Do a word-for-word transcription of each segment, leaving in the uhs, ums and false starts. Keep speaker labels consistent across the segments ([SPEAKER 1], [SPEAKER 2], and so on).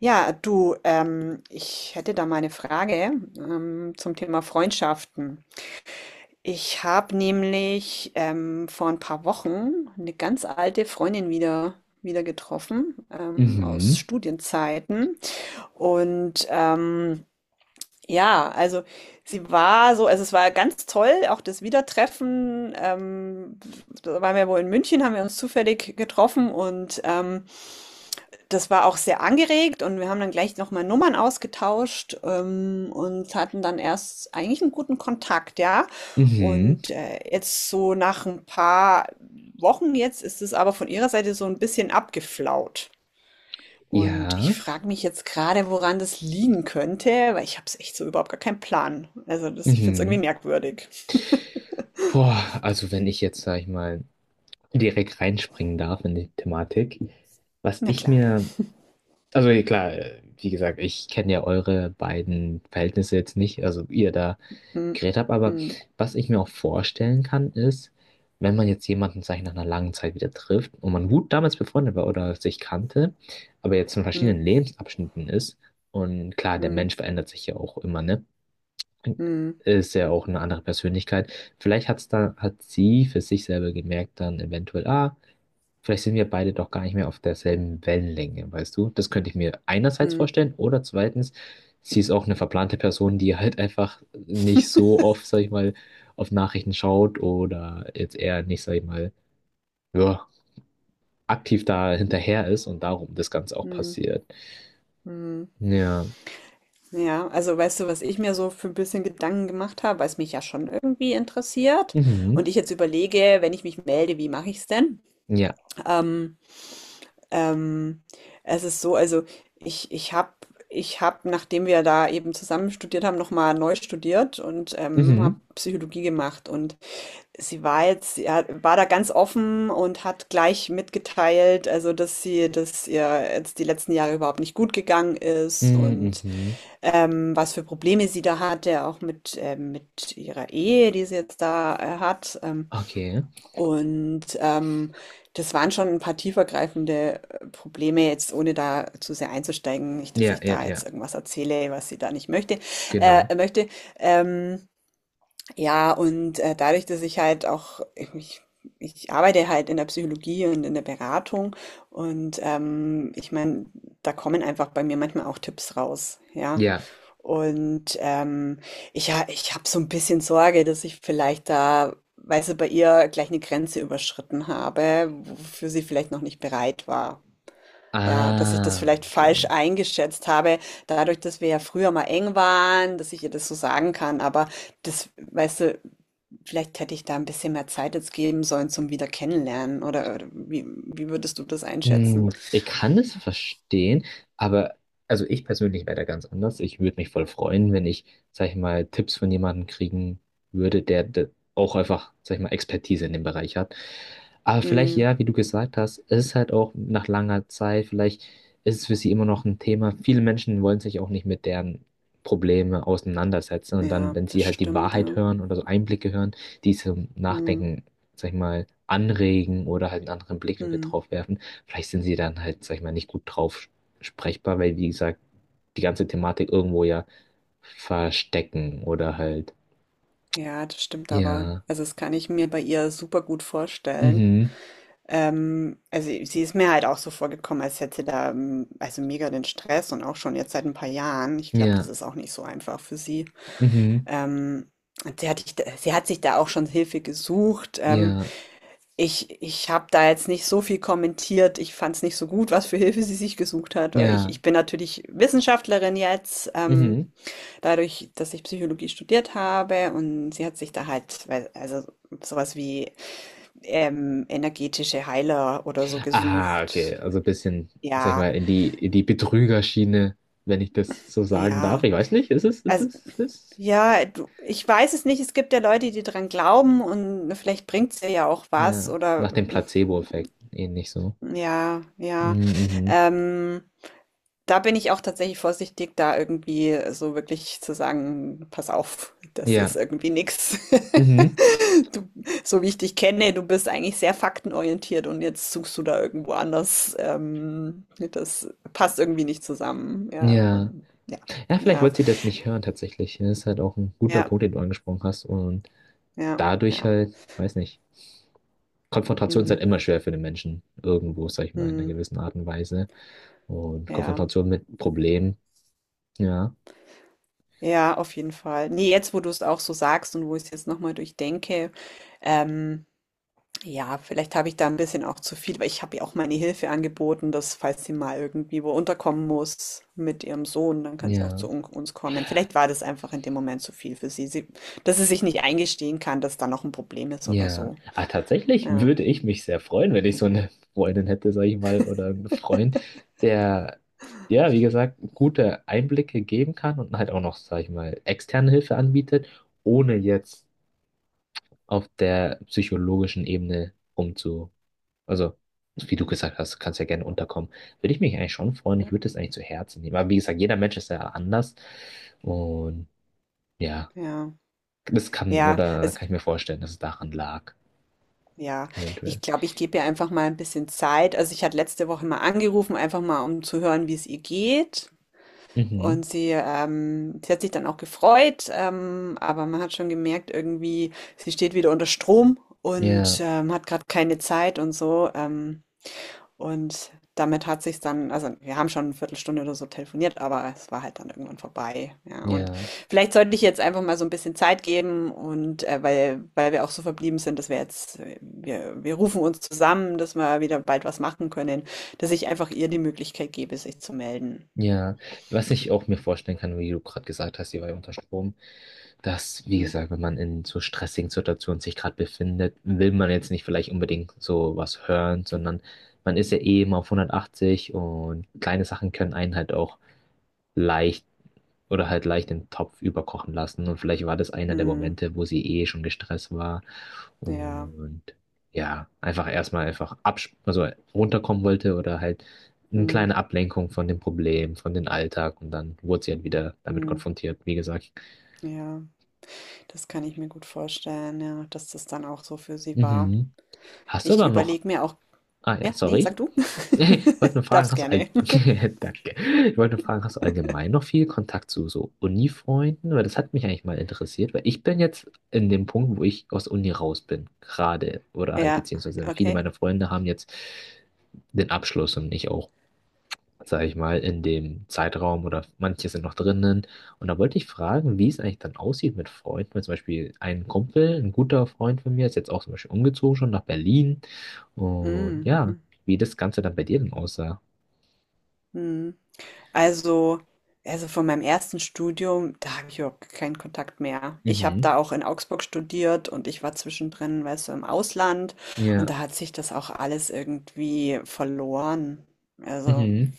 [SPEAKER 1] Ja, du, ähm, ich hätte da mal eine Frage ähm, zum Thema Freundschaften. Ich habe nämlich ähm, vor ein paar Wochen eine ganz alte Freundin wieder, wieder getroffen ähm,
[SPEAKER 2] Mhm,
[SPEAKER 1] aus Studienzeiten. Und ähm, ja, also sie war so, also es war ganz toll, auch das Wiedertreffen. Ähm, da waren wir wohl in München, haben wir uns zufällig getroffen und ähm, das war auch sehr angeregt und wir haben dann gleich nochmal Nummern ausgetauscht, ähm, und hatten dann erst eigentlich einen guten Kontakt, ja.
[SPEAKER 2] mhm,
[SPEAKER 1] Und, äh, jetzt so nach ein paar Wochen jetzt ist es aber von ihrer Seite so ein bisschen abgeflaut. Und ich
[SPEAKER 2] ja,
[SPEAKER 1] frage mich jetzt gerade, woran das liegen könnte, weil ich habe es echt so überhaupt gar keinen Plan. Also, das ich finde es irgendwie
[SPEAKER 2] mhm.
[SPEAKER 1] merkwürdig.
[SPEAKER 2] Boah, also wenn ich jetzt, sag ich mal, direkt reinspringen darf in die Thematik, was
[SPEAKER 1] Na
[SPEAKER 2] ich
[SPEAKER 1] klar.
[SPEAKER 2] mir, also ja, klar, äh, wie gesagt, ich kenne ja eure beiden Verhältnisse jetzt nicht, also wie ihr da
[SPEAKER 1] Mhm.
[SPEAKER 2] geredet habt, aber
[SPEAKER 1] Mhm.
[SPEAKER 2] was ich mir auch vorstellen kann, ist, wenn man jetzt jemanden, sag ich, nach einer langen Zeit wieder trifft und man gut damals befreundet war oder sich kannte, aber jetzt in verschiedenen
[SPEAKER 1] Mhm.
[SPEAKER 2] Lebensabschnitten ist und klar, der
[SPEAKER 1] Mhm.
[SPEAKER 2] Mensch verändert sich ja auch immer, ne?
[SPEAKER 1] Mhm.
[SPEAKER 2] Ist ja auch eine andere Persönlichkeit. Vielleicht hat's da, hat sie für sich selber gemerkt, dann eventuell, ah, vielleicht sind wir beide doch gar nicht mehr auf derselben Wellenlänge, weißt du? Das könnte ich mir einerseits
[SPEAKER 1] Mhm.
[SPEAKER 2] vorstellen oder zweitens, sie ist auch eine verplante Person, die halt einfach nicht so oft, sag ich mal, auf Nachrichten schaut oder jetzt eher nicht, sag ich mal, ja, aktiv da hinterher ist und darum das Ganze auch
[SPEAKER 1] Mhm.
[SPEAKER 2] passiert.
[SPEAKER 1] Mhm.
[SPEAKER 2] Ja,
[SPEAKER 1] Ja, also weißt du, was ich mir so für ein bisschen Gedanken gemacht habe, weil es mich ja schon irgendwie interessiert
[SPEAKER 2] mhm,
[SPEAKER 1] und ich jetzt überlege, wenn ich mich melde, wie mache ich es denn?
[SPEAKER 2] ja,
[SPEAKER 1] Ähm, ähm, es ist so, also ich, ich habe, ich hab, nachdem wir da eben zusammen studiert haben, nochmal neu studiert und ähm, habe
[SPEAKER 2] mhm,
[SPEAKER 1] Psychologie gemacht und sie war jetzt, sie hat- war da ganz offen und hat gleich mitgeteilt, also dass sie, dass ihr jetzt die letzten Jahre überhaupt nicht gut gegangen ist
[SPEAKER 2] mhm,
[SPEAKER 1] und
[SPEAKER 2] mhm,
[SPEAKER 1] ähm, was für Probleme sie da hatte, auch mit, ähm, mit ihrer Ehe, die sie jetzt da äh, hat. Ähm,
[SPEAKER 2] okay,
[SPEAKER 1] und ähm, Das waren schon ein paar tiefergreifende äh, Probleme, jetzt ohne da zu sehr einzusteigen, nicht, dass
[SPEAKER 2] ja,
[SPEAKER 1] ich
[SPEAKER 2] ja,
[SPEAKER 1] da jetzt
[SPEAKER 2] ja.
[SPEAKER 1] irgendwas erzähle, was sie da nicht möchte,
[SPEAKER 2] Genau.
[SPEAKER 1] äh, möchte. Ähm, ja, und äh, dadurch, dass ich halt auch, ich, ich arbeite halt in der Psychologie und in der Beratung und ähm, ich meine, da kommen einfach bei mir manchmal auch Tipps raus, ja.
[SPEAKER 2] Ja.
[SPEAKER 1] Und ähm, ich, ha- ich habe so ein bisschen Sorge, dass ich vielleicht da, weißt du, bei ihr gleich eine Grenze überschritten habe, wofür sie vielleicht noch nicht bereit war. Ja, dass ich das
[SPEAKER 2] Ah,
[SPEAKER 1] vielleicht
[SPEAKER 2] okay.
[SPEAKER 1] falsch eingeschätzt habe, dadurch, dass wir ja früher mal eng waren, dass ich ihr das so sagen kann, aber das, weißt du, vielleicht hätte ich da ein bisschen mehr Zeit jetzt geben sollen zum wieder Kennenlernen oder oder wie wie würdest du das
[SPEAKER 2] Hm,
[SPEAKER 1] einschätzen?
[SPEAKER 2] ich kann das verstehen, aber also ich persönlich wäre da ganz anders. Ich würde mich voll freuen, wenn ich, sag ich mal, Tipps von jemandem kriegen würde, der, der auch einfach, sag ich mal, Expertise in dem Bereich hat. Aber vielleicht,
[SPEAKER 1] Mhm,
[SPEAKER 2] ja, wie du gesagt hast, es ist halt auch nach langer Zeit, vielleicht ist es für sie immer noch ein Thema. Viele Menschen wollen sich auch nicht mit deren Probleme auseinandersetzen und dann,
[SPEAKER 1] ja,
[SPEAKER 2] wenn
[SPEAKER 1] das
[SPEAKER 2] sie halt die
[SPEAKER 1] stimmt,
[SPEAKER 2] Wahrheit
[SPEAKER 1] ja.
[SPEAKER 2] hören oder so Einblicke hören, die zum
[SPEAKER 1] Mhm,
[SPEAKER 2] Nachdenken, sag ich mal, anregen oder halt einen anderen Blickwinkel
[SPEAKER 1] mhm.
[SPEAKER 2] drauf werfen. Vielleicht sind sie dann halt, sag ich mal, nicht gut drauf sprechbar, weil, wie gesagt, die ganze Thematik irgendwo ja verstecken oder halt,
[SPEAKER 1] Ja, das stimmt aber.
[SPEAKER 2] ja,
[SPEAKER 1] Also, das kann ich mir bei ihr super gut vorstellen.
[SPEAKER 2] mhm,
[SPEAKER 1] Ähm, also, sie ist mir halt auch so vorgekommen, als hätte sie da, ähm, also, mega den Stress und auch schon jetzt seit ein paar Jahren. Ich glaube, das
[SPEAKER 2] ja,
[SPEAKER 1] ist auch nicht so einfach für sie.
[SPEAKER 2] mhm,
[SPEAKER 1] Ähm, und sie hat sich da sie hat sich da auch schon Hilfe gesucht, ähm,
[SPEAKER 2] ja,
[SPEAKER 1] ich ich habe da jetzt nicht so viel kommentiert. Ich fand es nicht so gut, was für Hilfe sie sich gesucht hat, weil ich
[SPEAKER 2] ja,
[SPEAKER 1] ich bin natürlich Wissenschaftlerin jetzt, ähm,
[SPEAKER 2] mhm.
[SPEAKER 1] dadurch, dass ich Psychologie studiert habe und sie hat sich da halt, weil also sowas wie, ähm, energetische Heiler oder so
[SPEAKER 2] Ah, okay,
[SPEAKER 1] gesucht.
[SPEAKER 2] also ein bisschen, sag ich
[SPEAKER 1] Ja,
[SPEAKER 2] mal, in die, in die Betrügerschiene, wenn ich das so sagen darf.
[SPEAKER 1] ja.
[SPEAKER 2] Ich weiß nicht, ist es, ist
[SPEAKER 1] Also,
[SPEAKER 2] es, ist es?
[SPEAKER 1] ja, du ich weiß es nicht. Es gibt ja Leute, die dran glauben und vielleicht bringt's ihr ja auch was
[SPEAKER 2] Ja, nach
[SPEAKER 1] oder
[SPEAKER 2] dem Placebo-Effekt, ähnlich so.
[SPEAKER 1] ja, ja.
[SPEAKER 2] Mhm, mhm,
[SPEAKER 1] Ähm. Da bin ich auch tatsächlich vorsichtig, da irgendwie so wirklich zu sagen: „Pass auf, das ist
[SPEAKER 2] ja,
[SPEAKER 1] irgendwie nix.
[SPEAKER 2] mhm,
[SPEAKER 1] Du so wie ich dich kenne, du bist eigentlich sehr faktenorientiert und jetzt suchst du da irgendwo anders, ähm, das passt irgendwie nicht zusammen.“ Ja,
[SPEAKER 2] ja.
[SPEAKER 1] und ja,
[SPEAKER 2] Ja, vielleicht
[SPEAKER 1] ja,
[SPEAKER 2] wollte sie das nicht hören tatsächlich. Das ist halt auch ein guter
[SPEAKER 1] ja,
[SPEAKER 2] Punkt, den du angesprochen hast. Und
[SPEAKER 1] ja,
[SPEAKER 2] dadurch
[SPEAKER 1] ja.
[SPEAKER 2] halt, weiß nicht, Konfrontation ist halt
[SPEAKER 1] Mhm,
[SPEAKER 2] immer schwer für den Menschen. Irgendwo, sag ich mal, in einer
[SPEAKER 1] mhm,
[SPEAKER 2] gewissen Art und Weise. Und
[SPEAKER 1] ja,
[SPEAKER 2] Konfrontation mit Problemen, ja.
[SPEAKER 1] ja, auf jeden Fall. Ne, jetzt, wo du es auch so sagst und wo ich's jetzt noch mal durchdenke, ähm ja, vielleicht habe ich da ein bisschen auch zu viel weil ich habe ihr auch meine Hilfe angeboten, dass falls sie mal irgendwie wo unterkommen muss mit ihrem Sohn, dann kann sie auch zu
[SPEAKER 2] Ja,
[SPEAKER 1] un uns kommen. Vielleicht war das einfach in dem Moment zu viel für sie. Sie dass sie sich nicht eingestehen kann, dass da noch ein Problem ist oder
[SPEAKER 2] ja.
[SPEAKER 1] so.
[SPEAKER 2] Ah, tatsächlich
[SPEAKER 1] Ja,
[SPEAKER 2] würde ich mich sehr freuen, wenn ich so eine Freundin hätte, sag ich mal, oder einen Freund, der, ja, wie gesagt, gute Einblicke geben kann und halt auch noch, sag ich mal, externe Hilfe anbietet, ohne jetzt auf der psychologischen Ebene umzu, also wie du gesagt hast, kannst ja gerne unterkommen, würde ich mich eigentlich schon freuen. Ich würde das eigentlich zu Herzen nehmen. Aber wie gesagt, jeder Mensch ist ja anders und ja,
[SPEAKER 1] ja.
[SPEAKER 2] das kann
[SPEAKER 1] Ja,
[SPEAKER 2] oder
[SPEAKER 1] also
[SPEAKER 2] kann ich mir vorstellen, dass es daran lag,
[SPEAKER 1] ja,
[SPEAKER 2] eventuell.
[SPEAKER 1] ich glaube, ich gebe ihr einfach mal ein bisschen Zeit. Also, ich hatte letzte Woche mal angerufen, einfach mal, um zu hören, wie es ihr geht.
[SPEAKER 2] Mhm.
[SPEAKER 1] Und sie, ähm, sie hat sich dann auch gefreut, ähm, aber man hat schon gemerkt, irgendwie, sie steht wieder unter Strom und
[SPEAKER 2] Ja,
[SPEAKER 1] ähm, hat gerade keine Zeit und so. Ähm, und damit hat sich dann, also wir haben schon eine Viertelstunde oder so telefoniert, aber es war halt dann irgendwann vorbei. Ja, und
[SPEAKER 2] ja,
[SPEAKER 1] vielleicht sollte ich jetzt einfach mal so ein bisschen Zeit geben und äh, weil, weil wir auch so verblieben sind, dass wir jetzt, äh, wir, wir rufen uns zusammen, dass wir wieder bald was machen können, dass ich einfach ihr die Möglichkeit gebe, sich zu melden.
[SPEAKER 2] ja. Was ich auch mir vorstellen kann, wie du gerade gesagt hast, sie war ja unter Strom. Dass, wie
[SPEAKER 1] Hm.
[SPEAKER 2] gesagt, wenn man in so stressigen Situationen sich gerade befindet, will man jetzt nicht vielleicht unbedingt so was hören, sondern man ist ja eh immer auf hundertachtzig und kleine Sachen können einen halt auch leicht oder halt leicht den Topf überkochen lassen. Und vielleicht war das einer der
[SPEAKER 1] Hm.
[SPEAKER 2] Momente, wo sie eh schon gestresst war
[SPEAKER 1] Ja,
[SPEAKER 2] und ja, einfach erstmal einfach absch also runterkommen wollte oder halt eine
[SPEAKER 1] mhm,
[SPEAKER 2] kleine Ablenkung von dem Problem, von dem Alltag und dann wurde sie halt wieder damit
[SPEAKER 1] mhm,
[SPEAKER 2] konfrontiert, wie gesagt.
[SPEAKER 1] ja, das kann ich mir gut vorstellen, ja, dass das dann auch so für sie war.
[SPEAKER 2] Mhm. Hast du
[SPEAKER 1] Ich
[SPEAKER 2] aber noch.
[SPEAKER 1] überlege mir auch
[SPEAKER 2] Ah ja,
[SPEAKER 1] ja, ne, sag
[SPEAKER 2] sorry.
[SPEAKER 1] du.
[SPEAKER 2] Ich wollte nur fragen,
[SPEAKER 1] Darfst
[SPEAKER 2] hast du all...
[SPEAKER 1] gerne.
[SPEAKER 2] Danke. Ich wollte nur fragen, hast du allgemein noch viel Kontakt zu so Uni-Freunden? Weil das hat mich eigentlich mal interessiert, weil ich bin jetzt in dem Punkt, wo ich aus Uni raus bin, gerade. Oder halt,
[SPEAKER 1] Ja,
[SPEAKER 2] beziehungsweise viele
[SPEAKER 1] okay.
[SPEAKER 2] meiner Freunde haben jetzt den Abschluss und ich auch, sage ich mal, in dem Zeitraum oder manche sind noch drinnen. Und da wollte ich fragen, wie es eigentlich dann aussieht mit Freunden. Weil zum Beispiel ein Kumpel, ein guter Freund von mir, ist jetzt auch zum Beispiel umgezogen schon nach Berlin. Und
[SPEAKER 1] Mhm,
[SPEAKER 2] ja,
[SPEAKER 1] mhm,
[SPEAKER 2] wie das Ganze dann bei dir denn aussah.
[SPEAKER 1] mhm. Also also von meinem ersten Studium, da habe ich überhaupt keinen Kontakt mehr. Ich habe
[SPEAKER 2] Mhm.
[SPEAKER 1] da auch in Augsburg studiert und ich war zwischendrin, weißt du, im Ausland und
[SPEAKER 2] Ja.
[SPEAKER 1] da hat sich das auch alles irgendwie verloren. Also,
[SPEAKER 2] Mhm.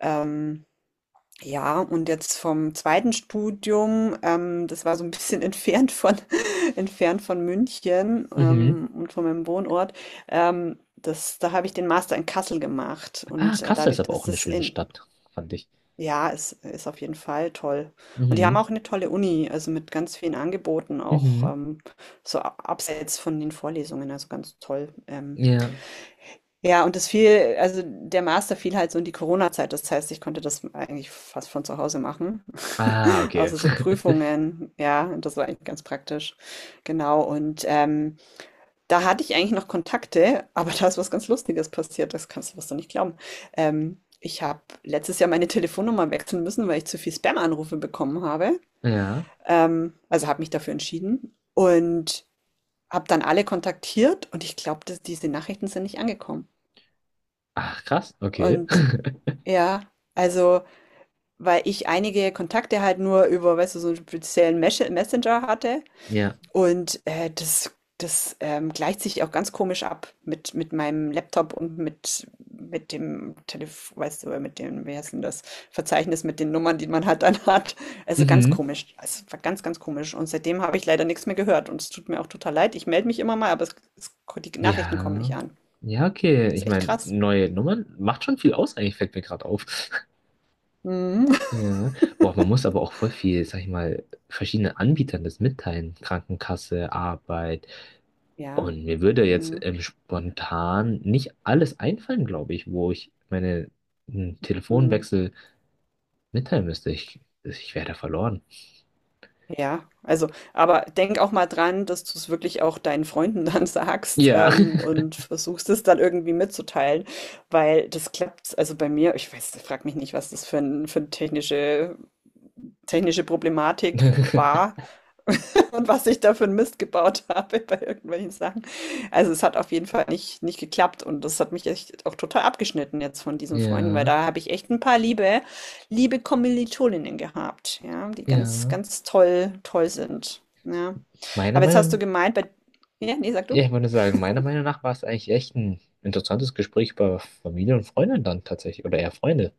[SPEAKER 1] ähm ja, und jetzt vom zweiten Studium, ähm, das war so ein bisschen entfernt von entfernt von München,
[SPEAKER 2] Mhm.
[SPEAKER 1] ähm, und von meinem Wohnort. Ähm, das Da habe ich den Master in Kassel gemacht
[SPEAKER 2] Ah,
[SPEAKER 1] und, äh,
[SPEAKER 2] Kassel ist
[SPEAKER 1] dadurch,
[SPEAKER 2] aber
[SPEAKER 1] dass
[SPEAKER 2] auch eine
[SPEAKER 1] das
[SPEAKER 2] schöne
[SPEAKER 1] in
[SPEAKER 2] Stadt, fand ich.
[SPEAKER 1] ja, es ist auf jeden Fall toll. Und die haben
[SPEAKER 2] Mhm.
[SPEAKER 1] auch eine tolle Uni, also, mit ganz vielen Angeboten, auch,
[SPEAKER 2] Mhm.
[SPEAKER 1] ähm, so a abseits von den Vorlesungen, also, ganz toll. Ähm,
[SPEAKER 2] Ja.
[SPEAKER 1] ja, und das fiel also der Master fiel halt so in die Corona-Zeit. Das heißt, ich konnte das eigentlich fast von zu Hause machen.
[SPEAKER 2] Ah, okay.
[SPEAKER 1] außer so Prüfungen, ja, und das war eigentlich ganz praktisch. Genau. Und ähm, da hatte ich eigentlich noch Kontakte, aber da ist was ganz Lustiges passiert. Das kannst, du wirst du nicht glauben. Ähm, ich habe letztes Jahr meine Telefonnummer wechseln müssen, weil ich zu viel Spam-Anrufe bekommen habe.
[SPEAKER 2] Ja.
[SPEAKER 1] Ähm, also habe mich dafür entschieden und habe dann alle kontaktiert und ich glaube, dass diese Nachrichten sind nicht angekommen.
[SPEAKER 2] Ach, krass. Okay.
[SPEAKER 1] Und ja, also, weil ich einige Kontakte halt nur über, weißt du, so einen speziellen Mesche Messenger hatte
[SPEAKER 2] Ja.
[SPEAKER 1] und, äh, das das, ähm, gleicht sich auch ganz komisch ab mit mit meinem Laptop und mit mit dem Telefon, weißt du, mit dem wie heißt denn das, Verzeichnis mit den Nummern, die man halt dann hat. Also, ganz
[SPEAKER 2] Mhm.
[SPEAKER 1] komisch. Es war ganz, ganz komisch und seitdem habe ich leider nichts mehr gehört und es tut mir auch total leid. Ich melde mich immer mal, aber es es die Nachrichten kommen nicht
[SPEAKER 2] Ja.
[SPEAKER 1] an.
[SPEAKER 2] Ja, okay.
[SPEAKER 1] Ist
[SPEAKER 2] Ich
[SPEAKER 1] echt
[SPEAKER 2] meine,
[SPEAKER 1] krass.
[SPEAKER 2] neue Nummern macht schon viel aus, eigentlich fällt mir gerade auf.
[SPEAKER 1] Mhm.
[SPEAKER 2] Ja. Boah, man muss aber auch voll viel, sag ich mal, verschiedenen Anbietern das mitteilen. Krankenkasse, Arbeit.
[SPEAKER 1] Ja.
[SPEAKER 2] Und mir würde jetzt
[SPEAKER 1] Mhm.
[SPEAKER 2] ähm, spontan nicht alles einfallen, glaube ich, wo ich meine einen
[SPEAKER 1] Mhm.
[SPEAKER 2] Telefonwechsel mitteilen müsste. Ich, ich wäre da verloren.
[SPEAKER 1] Ja, also, aber denk auch mal dran, dass du es wirklich auch deinen Freunden dann sagst,
[SPEAKER 2] Ja.
[SPEAKER 1] ähm, und versuchst es dann irgendwie mitzuteilen, weil das klappt. Also bei mir, ich weiß, frag mich nicht, was das für ein, für eine technische technische Problematik war und was ich da für 'n Mist gebaut habe bei irgendwelchen Sachen. Also, es hat auf jeden Fall nicht nicht geklappt und das hat mich echt auch total abgeschnitten jetzt von diesen Freunden, weil
[SPEAKER 2] Ja,
[SPEAKER 1] da habe ich echt ein paar liebe liebe Kommilitoninnen gehabt, ja, die ganz,
[SPEAKER 2] ja.
[SPEAKER 1] ganz toll toll sind, ja.
[SPEAKER 2] Meiner
[SPEAKER 1] Aber jetzt hast du
[SPEAKER 2] Meinung,
[SPEAKER 1] gemeint bei ja, ne, sag
[SPEAKER 2] ja,
[SPEAKER 1] du.
[SPEAKER 2] ich würde sagen, meiner Meinung nach war es eigentlich echt ein interessantes Gespräch über Familie und Freunde dann tatsächlich, oder eher Freunde.